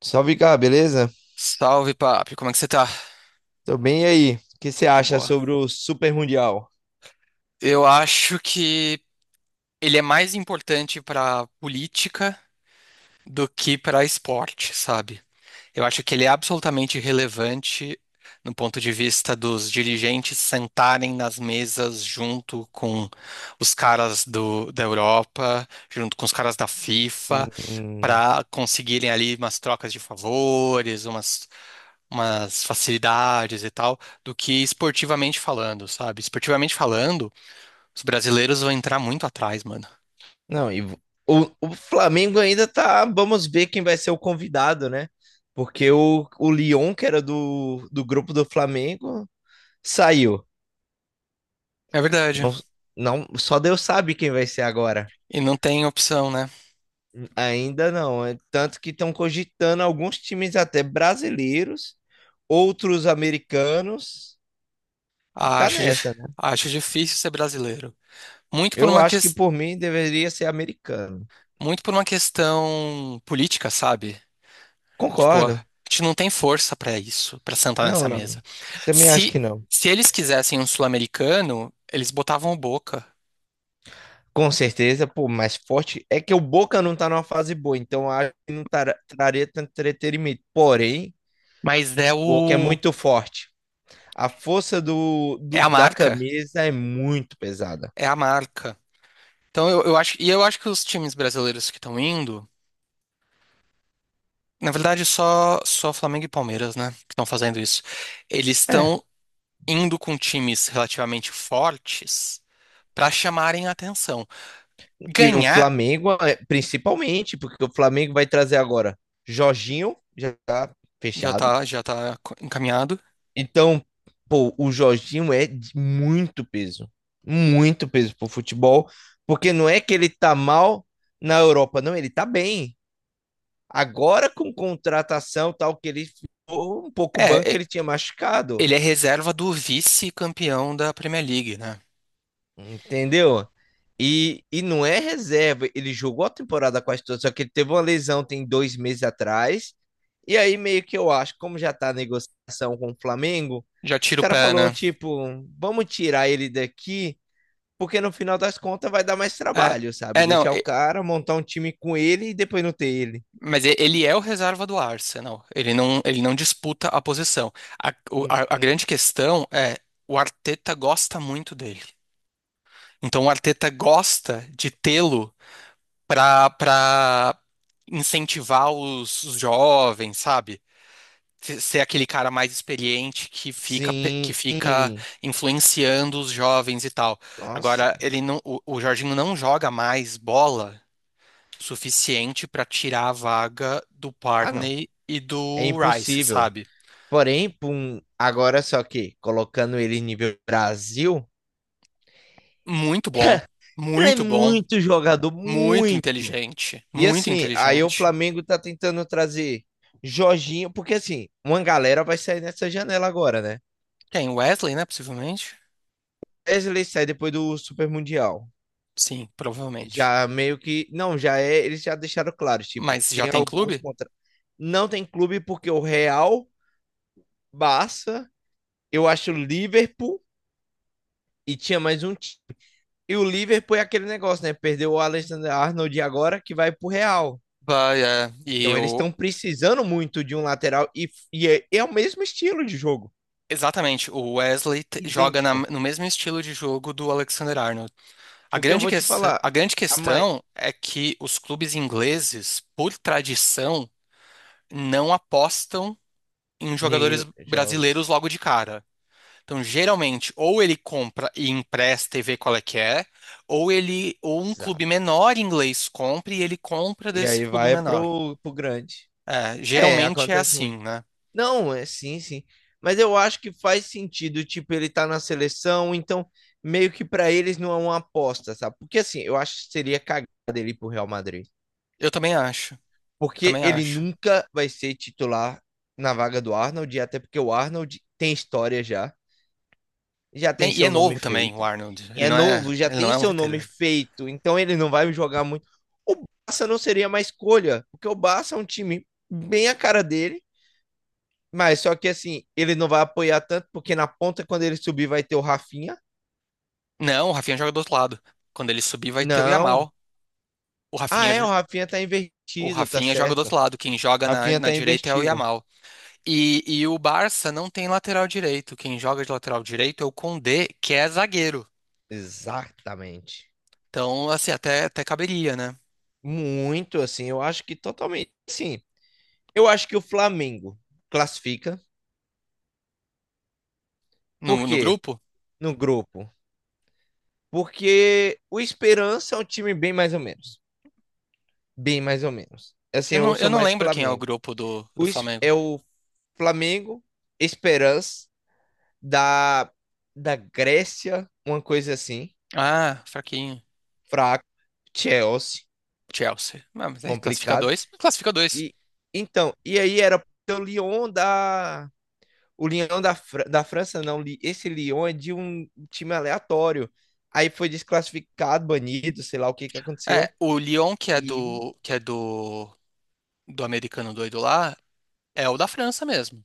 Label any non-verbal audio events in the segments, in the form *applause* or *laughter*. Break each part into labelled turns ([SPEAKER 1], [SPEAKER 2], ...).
[SPEAKER 1] Salve, cá, beleza?
[SPEAKER 2] Salve, papi, como é que você tá?
[SPEAKER 1] Tô bem, e aí? O que você
[SPEAKER 2] De
[SPEAKER 1] acha
[SPEAKER 2] boa.
[SPEAKER 1] sobre o Super Mundial?
[SPEAKER 2] Eu acho que ele é mais importante pra política do que pra esporte, sabe? Eu acho que ele é absolutamente relevante no ponto de vista dos dirigentes sentarem nas mesas junto com os caras da Europa, junto com os caras da FIFA,
[SPEAKER 1] Sim.
[SPEAKER 2] para conseguirem ali umas trocas de favores, umas facilidades e tal, do que esportivamente falando, sabe? Esportivamente falando, os brasileiros vão entrar muito atrás, mano.
[SPEAKER 1] Não, e vo- o Flamengo ainda tá. Vamos ver quem vai ser o convidado, né? Porque o Lyon, que era do grupo do Flamengo, saiu.
[SPEAKER 2] É verdade.
[SPEAKER 1] Não, não, só Deus sabe quem vai ser agora.
[SPEAKER 2] E não tem opção, né?
[SPEAKER 1] Ainda não. Tanto que estão cogitando alguns times até brasileiros, outros americanos. Tá
[SPEAKER 2] Acho, dif-
[SPEAKER 1] nessa, né?
[SPEAKER 2] Acho difícil ser brasileiro. Muito por
[SPEAKER 1] Eu
[SPEAKER 2] uma
[SPEAKER 1] acho que
[SPEAKER 2] ques-
[SPEAKER 1] por mim deveria ser americano.
[SPEAKER 2] Muito por uma questão política, sabe? Tipo, a
[SPEAKER 1] Concordo.
[SPEAKER 2] gente não tem força pra isso, pra sentar
[SPEAKER 1] Não,
[SPEAKER 2] nessa
[SPEAKER 1] não.
[SPEAKER 2] mesa.
[SPEAKER 1] Também acho
[SPEAKER 2] Se
[SPEAKER 1] que não.
[SPEAKER 2] se eles quisessem um sul-americano, eles botavam o Boca.
[SPEAKER 1] Com certeza, pô, mais forte é que o Boca não tá numa fase boa, então acho que não traria tanto entretenimento. Porém,
[SPEAKER 2] Mas é
[SPEAKER 1] o Boca é
[SPEAKER 2] o
[SPEAKER 1] muito forte. A força
[SPEAKER 2] É a
[SPEAKER 1] da
[SPEAKER 2] marca,
[SPEAKER 1] camisa é muito pesada.
[SPEAKER 2] é a marca. Então eu acho, e eu acho que os times brasileiros que estão indo, na verdade só Flamengo e Palmeiras, né, que estão fazendo isso. Eles
[SPEAKER 1] É.
[SPEAKER 2] estão indo com times relativamente fortes para chamarem a atenção.
[SPEAKER 1] E o
[SPEAKER 2] Ganhar
[SPEAKER 1] Flamengo, é, principalmente, porque o Flamengo vai trazer agora Jorginho, já tá fechado.
[SPEAKER 2] encaminhado.
[SPEAKER 1] Então, pô, o Jorginho é de muito peso pro futebol, porque não é que ele tá mal na Europa, não, ele tá bem. Agora com contratação tal que ele ficou um pouco banco
[SPEAKER 2] É, é,
[SPEAKER 1] ele tinha machucado.
[SPEAKER 2] Ele é reserva do vice-campeão da Premier League, né?
[SPEAKER 1] Entendeu? E não é reserva. Ele jogou a temporada quase toda, só que ele teve uma lesão tem dois meses atrás. E aí, meio que eu acho, como já tá a negociação com o Flamengo,
[SPEAKER 2] Já
[SPEAKER 1] os
[SPEAKER 2] tira o
[SPEAKER 1] caras
[SPEAKER 2] pé,
[SPEAKER 1] falou
[SPEAKER 2] né?
[SPEAKER 1] tipo, vamos tirar ele daqui, porque no final das contas vai dar mais
[SPEAKER 2] É,
[SPEAKER 1] trabalho, sabe?
[SPEAKER 2] é não.
[SPEAKER 1] Deixar o cara, montar um time com ele e depois não ter ele.
[SPEAKER 2] Mas ele é o reserva do Arsenal. Ele não disputa a posição. A
[SPEAKER 1] Uhum.
[SPEAKER 2] grande questão é o Arteta gosta muito dele. Então o Arteta gosta de tê-lo para incentivar os jovens, sabe? Ser aquele cara mais experiente que que
[SPEAKER 1] Sim.
[SPEAKER 2] fica influenciando os jovens e tal.
[SPEAKER 1] Nossa.
[SPEAKER 2] Agora ele não, o Jorginho não joga mais bola suficiente para tirar a vaga do
[SPEAKER 1] Ah, não.
[SPEAKER 2] Parney e
[SPEAKER 1] É
[SPEAKER 2] do Rice,
[SPEAKER 1] impossível.
[SPEAKER 2] sabe?
[SPEAKER 1] Porém, pum, agora só que colocando ele em nível Brasil.
[SPEAKER 2] Muito bom,
[SPEAKER 1] Ele é
[SPEAKER 2] muito bom,
[SPEAKER 1] muito jogador,
[SPEAKER 2] muito
[SPEAKER 1] muito.
[SPEAKER 2] inteligente,
[SPEAKER 1] E
[SPEAKER 2] muito
[SPEAKER 1] assim, aí o
[SPEAKER 2] inteligente.
[SPEAKER 1] Flamengo tá tentando trazer Jorginho, porque assim, uma galera vai sair nessa janela agora, né?
[SPEAKER 2] Tem Wesley, né, possivelmente?
[SPEAKER 1] Wesley sai depois do Super Mundial.
[SPEAKER 2] Sim, provavelmente.
[SPEAKER 1] Já meio que. Não, já é. Eles já deixaram claro, tipo,
[SPEAKER 2] Mas já
[SPEAKER 1] tem
[SPEAKER 2] tem
[SPEAKER 1] alguns
[SPEAKER 2] clube?
[SPEAKER 1] contra. Não tem clube porque o Real, Barça, eu acho o Liverpool e tinha mais um. E o Liverpool é aquele negócio, né? Perdeu o Alexander Arnold agora que vai pro Real.
[SPEAKER 2] Bah, é, e
[SPEAKER 1] Então eles
[SPEAKER 2] o
[SPEAKER 1] estão precisando muito de um lateral e é o mesmo estilo de jogo,
[SPEAKER 2] Exatamente, o Wesley joga
[SPEAKER 1] idêntico.
[SPEAKER 2] no mesmo estilo de jogo do Alexander Arnold.
[SPEAKER 1] Porque eu vou te falar,
[SPEAKER 2] A grande
[SPEAKER 1] a mai...
[SPEAKER 2] questão é que os clubes ingleses, por tradição, não apostam em jogadores brasileiros
[SPEAKER 1] jovens,
[SPEAKER 2] logo de cara. Então, geralmente, ou ele compra e empresta e vê qual é que é, ou um clube
[SPEAKER 1] exato.
[SPEAKER 2] menor inglês compra e ele compra
[SPEAKER 1] E
[SPEAKER 2] desse
[SPEAKER 1] aí
[SPEAKER 2] clube
[SPEAKER 1] vai
[SPEAKER 2] menor.
[SPEAKER 1] pro grande.
[SPEAKER 2] É,
[SPEAKER 1] É,
[SPEAKER 2] geralmente é
[SPEAKER 1] acontece muito.
[SPEAKER 2] assim, né?
[SPEAKER 1] Não, é sim, sim. Mas eu acho que faz sentido, tipo, ele tá na seleção, então meio que pra eles não é uma aposta, sabe? Porque assim, eu acho que seria cagada ele ir pro Real Madrid.
[SPEAKER 2] Eu também acho. Eu
[SPEAKER 1] Porque
[SPEAKER 2] também
[SPEAKER 1] ele
[SPEAKER 2] acho.
[SPEAKER 1] nunca vai ser titular na vaga do Arnold, e até porque o Arnold tem história já. Já tem
[SPEAKER 2] E é
[SPEAKER 1] seu nome
[SPEAKER 2] novo também, o
[SPEAKER 1] feito.
[SPEAKER 2] Arnold.
[SPEAKER 1] E é novo, já
[SPEAKER 2] Ele não
[SPEAKER 1] tem
[SPEAKER 2] é um
[SPEAKER 1] seu nome
[SPEAKER 2] veterano.
[SPEAKER 1] feito. Então ele não vai jogar muito. O Barça não seria uma escolha, porque o Barça é um time bem a cara dele, mas só que assim, ele não vai apoiar tanto, porque na ponta, quando ele subir, vai ter o Rafinha.
[SPEAKER 2] Não, o Rafinha joga do outro lado. Quando ele subir, vai ter o
[SPEAKER 1] Não.
[SPEAKER 2] Yamal. O
[SPEAKER 1] Ah,
[SPEAKER 2] Rafinha,
[SPEAKER 1] é, o
[SPEAKER 2] jo-
[SPEAKER 1] Rafinha tá
[SPEAKER 2] o
[SPEAKER 1] invertido, tá
[SPEAKER 2] Rafinha joga do
[SPEAKER 1] certo.
[SPEAKER 2] outro lado. Quem joga
[SPEAKER 1] Rafinha
[SPEAKER 2] na
[SPEAKER 1] tá
[SPEAKER 2] direita é o
[SPEAKER 1] invertido.
[SPEAKER 2] Yamal. E o Barça não tem lateral direito. Quem joga de lateral direito é o Condé, que é zagueiro.
[SPEAKER 1] Exatamente.
[SPEAKER 2] Então, assim, até caberia, né?
[SPEAKER 1] Muito, assim, eu acho que totalmente. Sim, eu acho que o Flamengo classifica,
[SPEAKER 2] No
[SPEAKER 1] porque
[SPEAKER 2] grupo?
[SPEAKER 1] no grupo porque o Esperança é um time bem mais ou menos. Bem mais ou menos. Assim, eu
[SPEAKER 2] Eu
[SPEAKER 1] sou
[SPEAKER 2] não
[SPEAKER 1] mais
[SPEAKER 2] lembro quem é o
[SPEAKER 1] Flamengo.
[SPEAKER 2] grupo do
[SPEAKER 1] O, Es-
[SPEAKER 2] Flamengo.
[SPEAKER 1] é o Flamengo, Esperança, da, da Grécia, uma coisa assim,
[SPEAKER 2] Ah, fraquinho.
[SPEAKER 1] fraco. Chelsea,
[SPEAKER 2] Chelsea. Ah, mas aí classifica
[SPEAKER 1] complicado.
[SPEAKER 2] dois. Classifica dois.
[SPEAKER 1] E então, e aí era o Lyon da. O Lyon da França, não. Esse Lyon é de um time aleatório. Aí foi desclassificado, banido, sei lá o que que
[SPEAKER 2] É,
[SPEAKER 1] aconteceu.
[SPEAKER 2] o Lyon,
[SPEAKER 1] E
[SPEAKER 2] que é do americano doido lá, é o da França mesmo.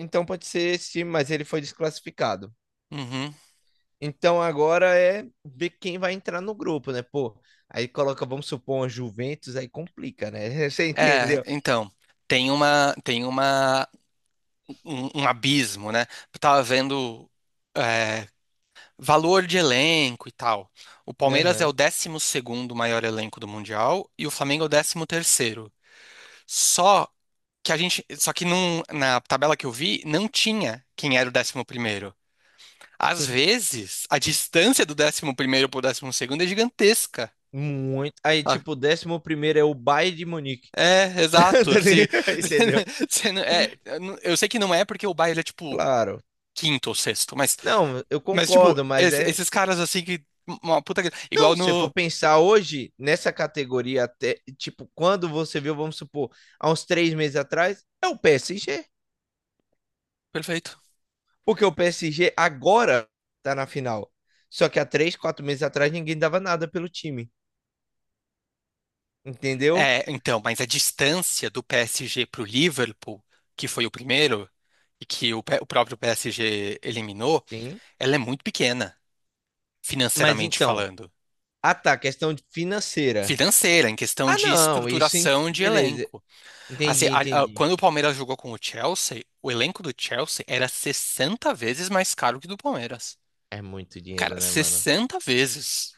[SPEAKER 1] então pode ser esse time, mas ele foi desclassificado.
[SPEAKER 2] Uhum.
[SPEAKER 1] Então agora é ver quem vai entrar no grupo, né? Pô, aí coloca, vamos supor, uma Juventus, aí complica, né? *laughs* Você
[SPEAKER 2] É,
[SPEAKER 1] entendeu?
[SPEAKER 2] então, tem uma, tem uma, um abismo, né? Eu tava vendo. é, Valor de elenco e tal. O Palmeiras é o
[SPEAKER 1] Aham.
[SPEAKER 2] décimo segundo maior elenco do Mundial e o Flamengo é o décimo terceiro. Só só que na tabela que eu vi, não tinha quem era o décimo primeiro. Às vezes, a distância do décimo primeiro para o décimo segundo é gigantesca.
[SPEAKER 1] Muito. Aí,
[SPEAKER 2] Ah,
[SPEAKER 1] tipo, o décimo primeiro é o Bayern de Munique.
[SPEAKER 2] é,
[SPEAKER 1] *laughs*
[SPEAKER 2] exato.
[SPEAKER 1] Tá
[SPEAKER 2] Se,
[SPEAKER 1] ligado?
[SPEAKER 2] *laughs* se não-
[SPEAKER 1] Entendeu?
[SPEAKER 2] se não- é, eu não- eu sei que não é porque o Bayern é tipo
[SPEAKER 1] Claro.
[SPEAKER 2] quinto ou sexto,
[SPEAKER 1] Não, eu
[SPEAKER 2] mas tipo,
[SPEAKER 1] concordo, mas é.
[SPEAKER 2] esses caras assim que uma puta
[SPEAKER 1] Não,
[SPEAKER 2] igual
[SPEAKER 1] se eu
[SPEAKER 2] no
[SPEAKER 1] for pensar hoje, nessa categoria, até, tipo, quando você viu, vamos supor, há uns três meses atrás, é o PSG.
[SPEAKER 2] Perfeito.
[SPEAKER 1] Porque o PSG agora tá na final. Só que há três, quatro meses atrás ninguém dava nada pelo time. Entendeu?
[SPEAKER 2] É, então, mas a distância do PSG para o Liverpool, que foi o primeiro, e que o próprio PSG eliminou,
[SPEAKER 1] Sim.
[SPEAKER 2] ela é muito pequena,
[SPEAKER 1] Mas
[SPEAKER 2] financeiramente
[SPEAKER 1] então,
[SPEAKER 2] falando.
[SPEAKER 1] ah tá, questão financeira.
[SPEAKER 2] Financeira, em questão
[SPEAKER 1] Ah
[SPEAKER 2] de
[SPEAKER 1] não, isso.
[SPEAKER 2] estruturação de
[SPEAKER 1] Beleza.
[SPEAKER 2] elenco. Assim,
[SPEAKER 1] Entendi, entendi.
[SPEAKER 2] quando o Palmeiras jogou com o Chelsea, o elenco do Chelsea era 60 vezes mais caro que o do Palmeiras.
[SPEAKER 1] É muito
[SPEAKER 2] Cara,
[SPEAKER 1] dinheiro, né, mano?
[SPEAKER 2] 60 vezes.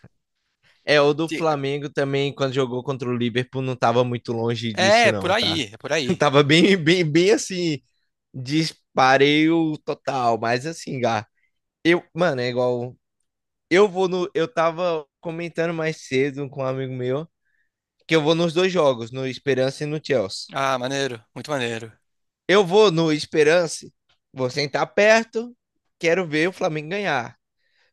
[SPEAKER 1] É, o do
[SPEAKER 2] Se-
[SPEAKER 1] Flamengo também, quando jogou contra o Liverpool, não tava muito longe
[SPEAKER 2] É,
[SPEAKER 1] disso,
[SPEAKER 2] é por
[SPEAKER 1] não, tá?
[SPEAKER 2] aí, é por
[SPEAKER 1] *laughs*
[SPEAKER 2] aí.
[SPEAKER 1] Tava bem, bem, bem assim, dispareio total. Mas assim, Gá, eu, mano, é igual Eu vou no. Eu tava comentando mais cedo com um amigo meu que eu vou nos dois jogos, no Esperança e no Chelsea.
[SPEAKER 2] Ah, maneiro, muito maneiro.
[SPEAKER 1] Eu vou no Esperança, vou sentar perto, quero ver o Flamengo ganhar.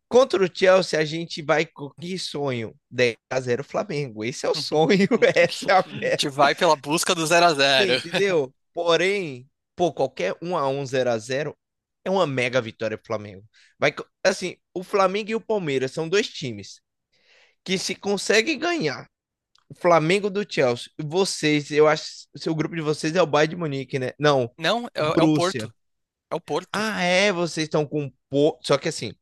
[SPEAKER 1] Contra o Chelsea, a gente vai com que sonho? Dez a zero Flamengo. Esse é o
[SPEAKER 2] *laughs*
[SPEAKER 1] sonho, *laughs* essa é a
[SPEAKER 2] A
[SPEAKER 1] meta,
[SPEAKER 2] gente vai pela busca do zero a zero? *laughs*
[SPEAKER 1] entendeu? Porém, pô, qualquer um a um zero a zero é uma mega vitória pro Flamengo. Assim, o Flamengo e o Palmeiras são dois times que se conseguem ganhar o Flamengo do Chelsea. Vocês, eu acho, que o seu grupo de vocês é o Bayern de Munique, né? Não,
[SPEAKER 2] Não, é,
[SPEAKER 1] o
[SPEAKER 2] é o
[SPEAKER 1] Borussia.
[SPEAKER 2] Porto. É o Porto.
[SPEAKER 1] Ah, é, vocês estão com Porto, só que assim,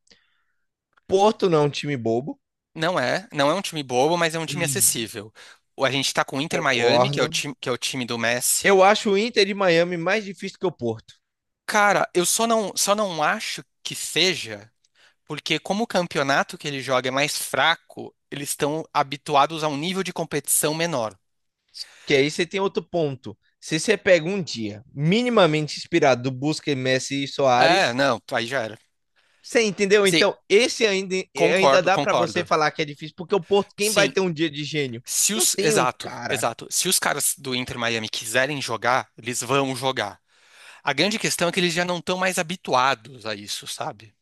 [SPEAKER 1] Porto não é um time bobo.
[SPEAKER 2] Não é um time bobo, mas é um time
[SPEAKER 1] Hum,
[SPEAKER 2] acessível. A gente tá com o Inter Miami, que é o
[SPEAKER 1] concordo.
[SPEAKER 2] time, que é o time do Messi.
[SPEAKER 1] Eu acho o Inter de Miami mais difícil que o Porto,
[SPEAKER 2] Cara, eu só não acho que seja, porque como o campeonato que ele joga é mais fraco, eles estão habituados a um nível de competição menor.
[SPEAKER 1] que aí você tem outro ponto. Se você pega um dia minimamente inspirado do Busquets, Messi e
[SPEAKER 2] É,
[SPEAKER 1] Soares,
[SPEAKER 2] não, aí já era.
[SPEAKER 1] você entendeu?
[SPEAKER 2] Sim,
[SPEAKER 1] Então, esse ainda, ainda
[SPEAKER 2] concordo,
[SPEAKER 1] dá para você
[SPEAKER 2] concordo.
[SPEAKER 1] falar que é difícil, porque o Porto, quem vai
[SPEAKER 2] Sim,
[SPEAKER 1] ter um dia de gênio?
[SPEAKER 2] se
[SPEAKER 1] Não
[SPEAKER 2] os,
[SPEAKER 1] tem um
[SPEAKER 2] exato,
[SPEAKER 1] cara.
[SPEAKER 2] exato. Se os caras do Inter Miami quiserem jogar, eles vão jogar. A grande questão é que eles já não estão mais habituados a isso, sabe?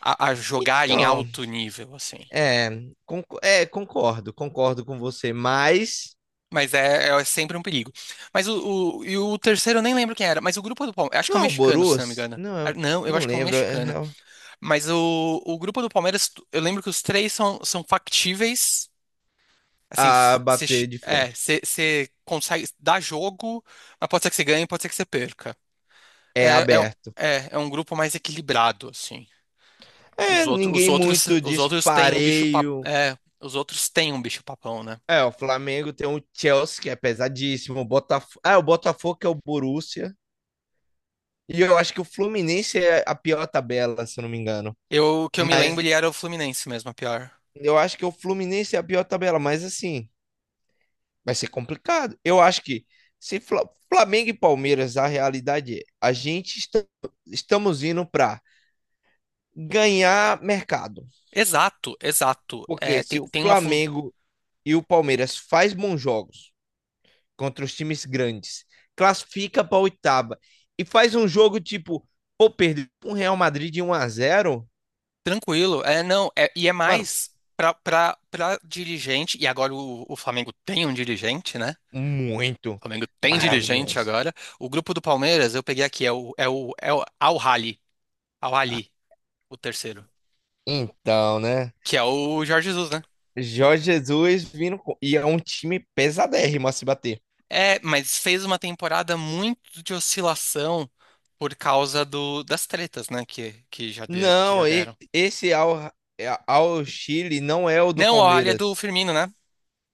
[SPEAKER 2] A a jogar em
[SPEAKER 1] Então,
[SPEAKER 2] alto nível, assim.
[SPEAKER 1] é, concordo, concordo com você, mas
[SPEAKER 2] Mas é, é sempre um perigo. Mas e o terceiro eu nem lembro quem era, mas o grupo do Palmeiras, acho que
[SPEAKER 1] não
[SPEAKER 2] é um
[SPEAKER 1] é o
[SPEAKER 2] mexicano, se não me
[SPEAKER 1] Borus?
[SPEAKER 2] engano.
[SPEAKER 1] Não,
[SPEAKER 2] Ah, não, eu
[SPEAKER 1] não
[SPEAKER 2] acho que é um
[SPEAKER 1] lembro
[SPEAKER 2] mexicano. Mas o grupo do Palmeiras, eu lembro que os três são factíveis. Assim,
[SPEAKER 1] a
[SPEAKER 2] você
[SPEAKER 1] bater de frente.
[SPEAKER 2] cê consegue dar jogo, mas pode ser que você ganhe, pode ser que você perca.
[SPEAKER 1] É
[SPEAKER 2] É, é,
[SPEAKER 1] aberto.
[SPEAKER 2] é um grupo mais equilibrado, assim.
[SPEAKER 1] É, ninguém muito
[SPEAKER 2] Os outros têm um
[SPEAKER 1] dispareio.
[SPEAKER 2] os outros têm um bicho papão, né?
[SPEAKER 1] É, o Flamengo tem o Chelsea, que é pesadíssimo. O Botafogo, ah, o Botafogo que é o Borussia. E eu acho que o Fluminense é a pior tabela, se eu não me engano.
[SPEAKER 2] O que eu me
[SPEAKER 1] Mas
[SPEAKER 2] lembro, ele era o Fluminense mesmo, a pior.
[SPEAKER 1] eu acho que o Fluminense é a pior tabela, mas assim, vai ser complicado. Eu acho que se Flamengo e Palmeiras, a realidade é, a gente estamos indo para ganhar mercado.
[SPEAKER 2] Exato, exato.
[SPEAKER 1] Porque
[SPEAKER 2] É,
[SPEAKER 1] se
[SPEAKER 2] tem,
[SPEAKER 1] o
[SPEAKER 2] tem uma fun...
[SPEAKER 1] Flamengo e o Palmeiras faz bons jogos contra os times grandes, classifica para oitava e faz um jogo tipo, pô, perder um Real Madrid de um a zero
[SPEAKER 2] Tranquilo. É, não, e é
[SPEAKER 1] mano,
[SPEAKER 2] mais pra dirigente, e agora o Flamengo tem um dirigente, né? O
[SPEAKER 1] muito
[SPEAKER 2] Flamengo tem dirigente
[SPEAKER 1] maravilhoso.
[SPEAKER 2] agora. O grupo do Palmeiras, eu peguei aqui, é é o Al-Ahly,
[SPEAKER 1] Ah,
[SPEAKER 2] Al-Ahly, o terceiro,
[SPEAKER 1] então, né?
[SPEAKER 2] que é o Jorge Jesus, né?
[SPEAKER 1] Jorge Jesus vindo e é um time pesadérrimo a se bater.
[SPEAKER 2] É, mas fez uma temporada muito de oscilação por causa das tretas, né? Que já
[SPEAKER 1] Não,
[SPEAKER 2] deram.
[SPEAKER 1] esse ao, ao Chile não é o do
[SPEAKER 2] Não, a ali é do
[SPEAKER 1] Palmeiras,
[SPEAKER 2] Firmino, né?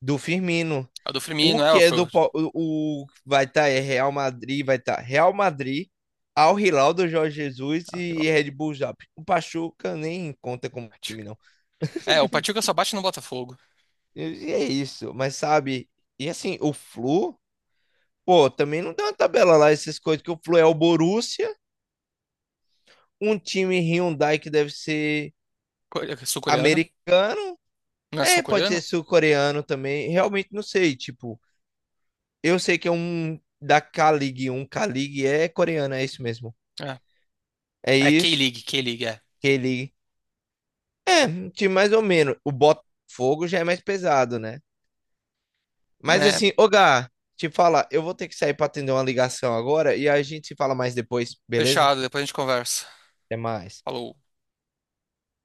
[SPEAKER 1] do Firmino.
[SPEAKER 2] A do
[SPEAKER 1] O
[SPEAKER 2] Firmino,
[SPEAKER 1] que
[SPEAKER 2] é,
[SPEAKER 1] é
[SPEAKER 2] foi o.
[SPEAKER 1] do Pal- o vai estar é Real Madrid, vai estar Real Madrid, Al Hilal do Jorge Jesus
[SPEAKER 2] Ah, sei
[SPEAKER 1] e
[SPEAKER 2] lá,
[SPEAKER 1] Red Bull Zalgiris. O Pachuca nem conta como time
[SPEAKER 2] Pachuca.
[SPEAKER 1] não.
[SPEAKER 2] É, o Pachuca só bate no Botafogo.
[SPEAKER 1] E é isso, mas sabe? E assim, o Flu, pô, também não tem uma tabela lá essas coisas que o Flu é o Borussia, um time Hyundai que deve ser
[SPEAKER 2] É sul-coreano?
[SPEAKER 1] americano.
[SPEAKER 2] Não é
[SPEAKER 1] É, pode ser
[SPEAKER 2] sul-coreano?
[SPEAKER 1] sul-coreano também. Realmente não sei. Tipo, eu sei que é um da K-League. Um K-League é coreano, é isso mesmo.
[SPEAKER 2] É.
[SPEAKER 1] É
[SPEAKER 2] É
[SPEAKER 1] isso.
[SPEAKER 2] K-League, K-League, é.
[SPEAKER 1] K-League. É, um time mais ou menos. O Botafogo já é mais pesado, né? Mas
[SPEAKER 2] Né?
[SPEAKER 1] assim, ô Gá, te falar, eu vou ter que sair pra atender uma ligação agora e a gente se fala mais depois, beleza?
[SPEAKER 2] Fechado, depois a gente conversa.
[SPEAKER 1] Até mais.
[SPEAKER 2] Falou.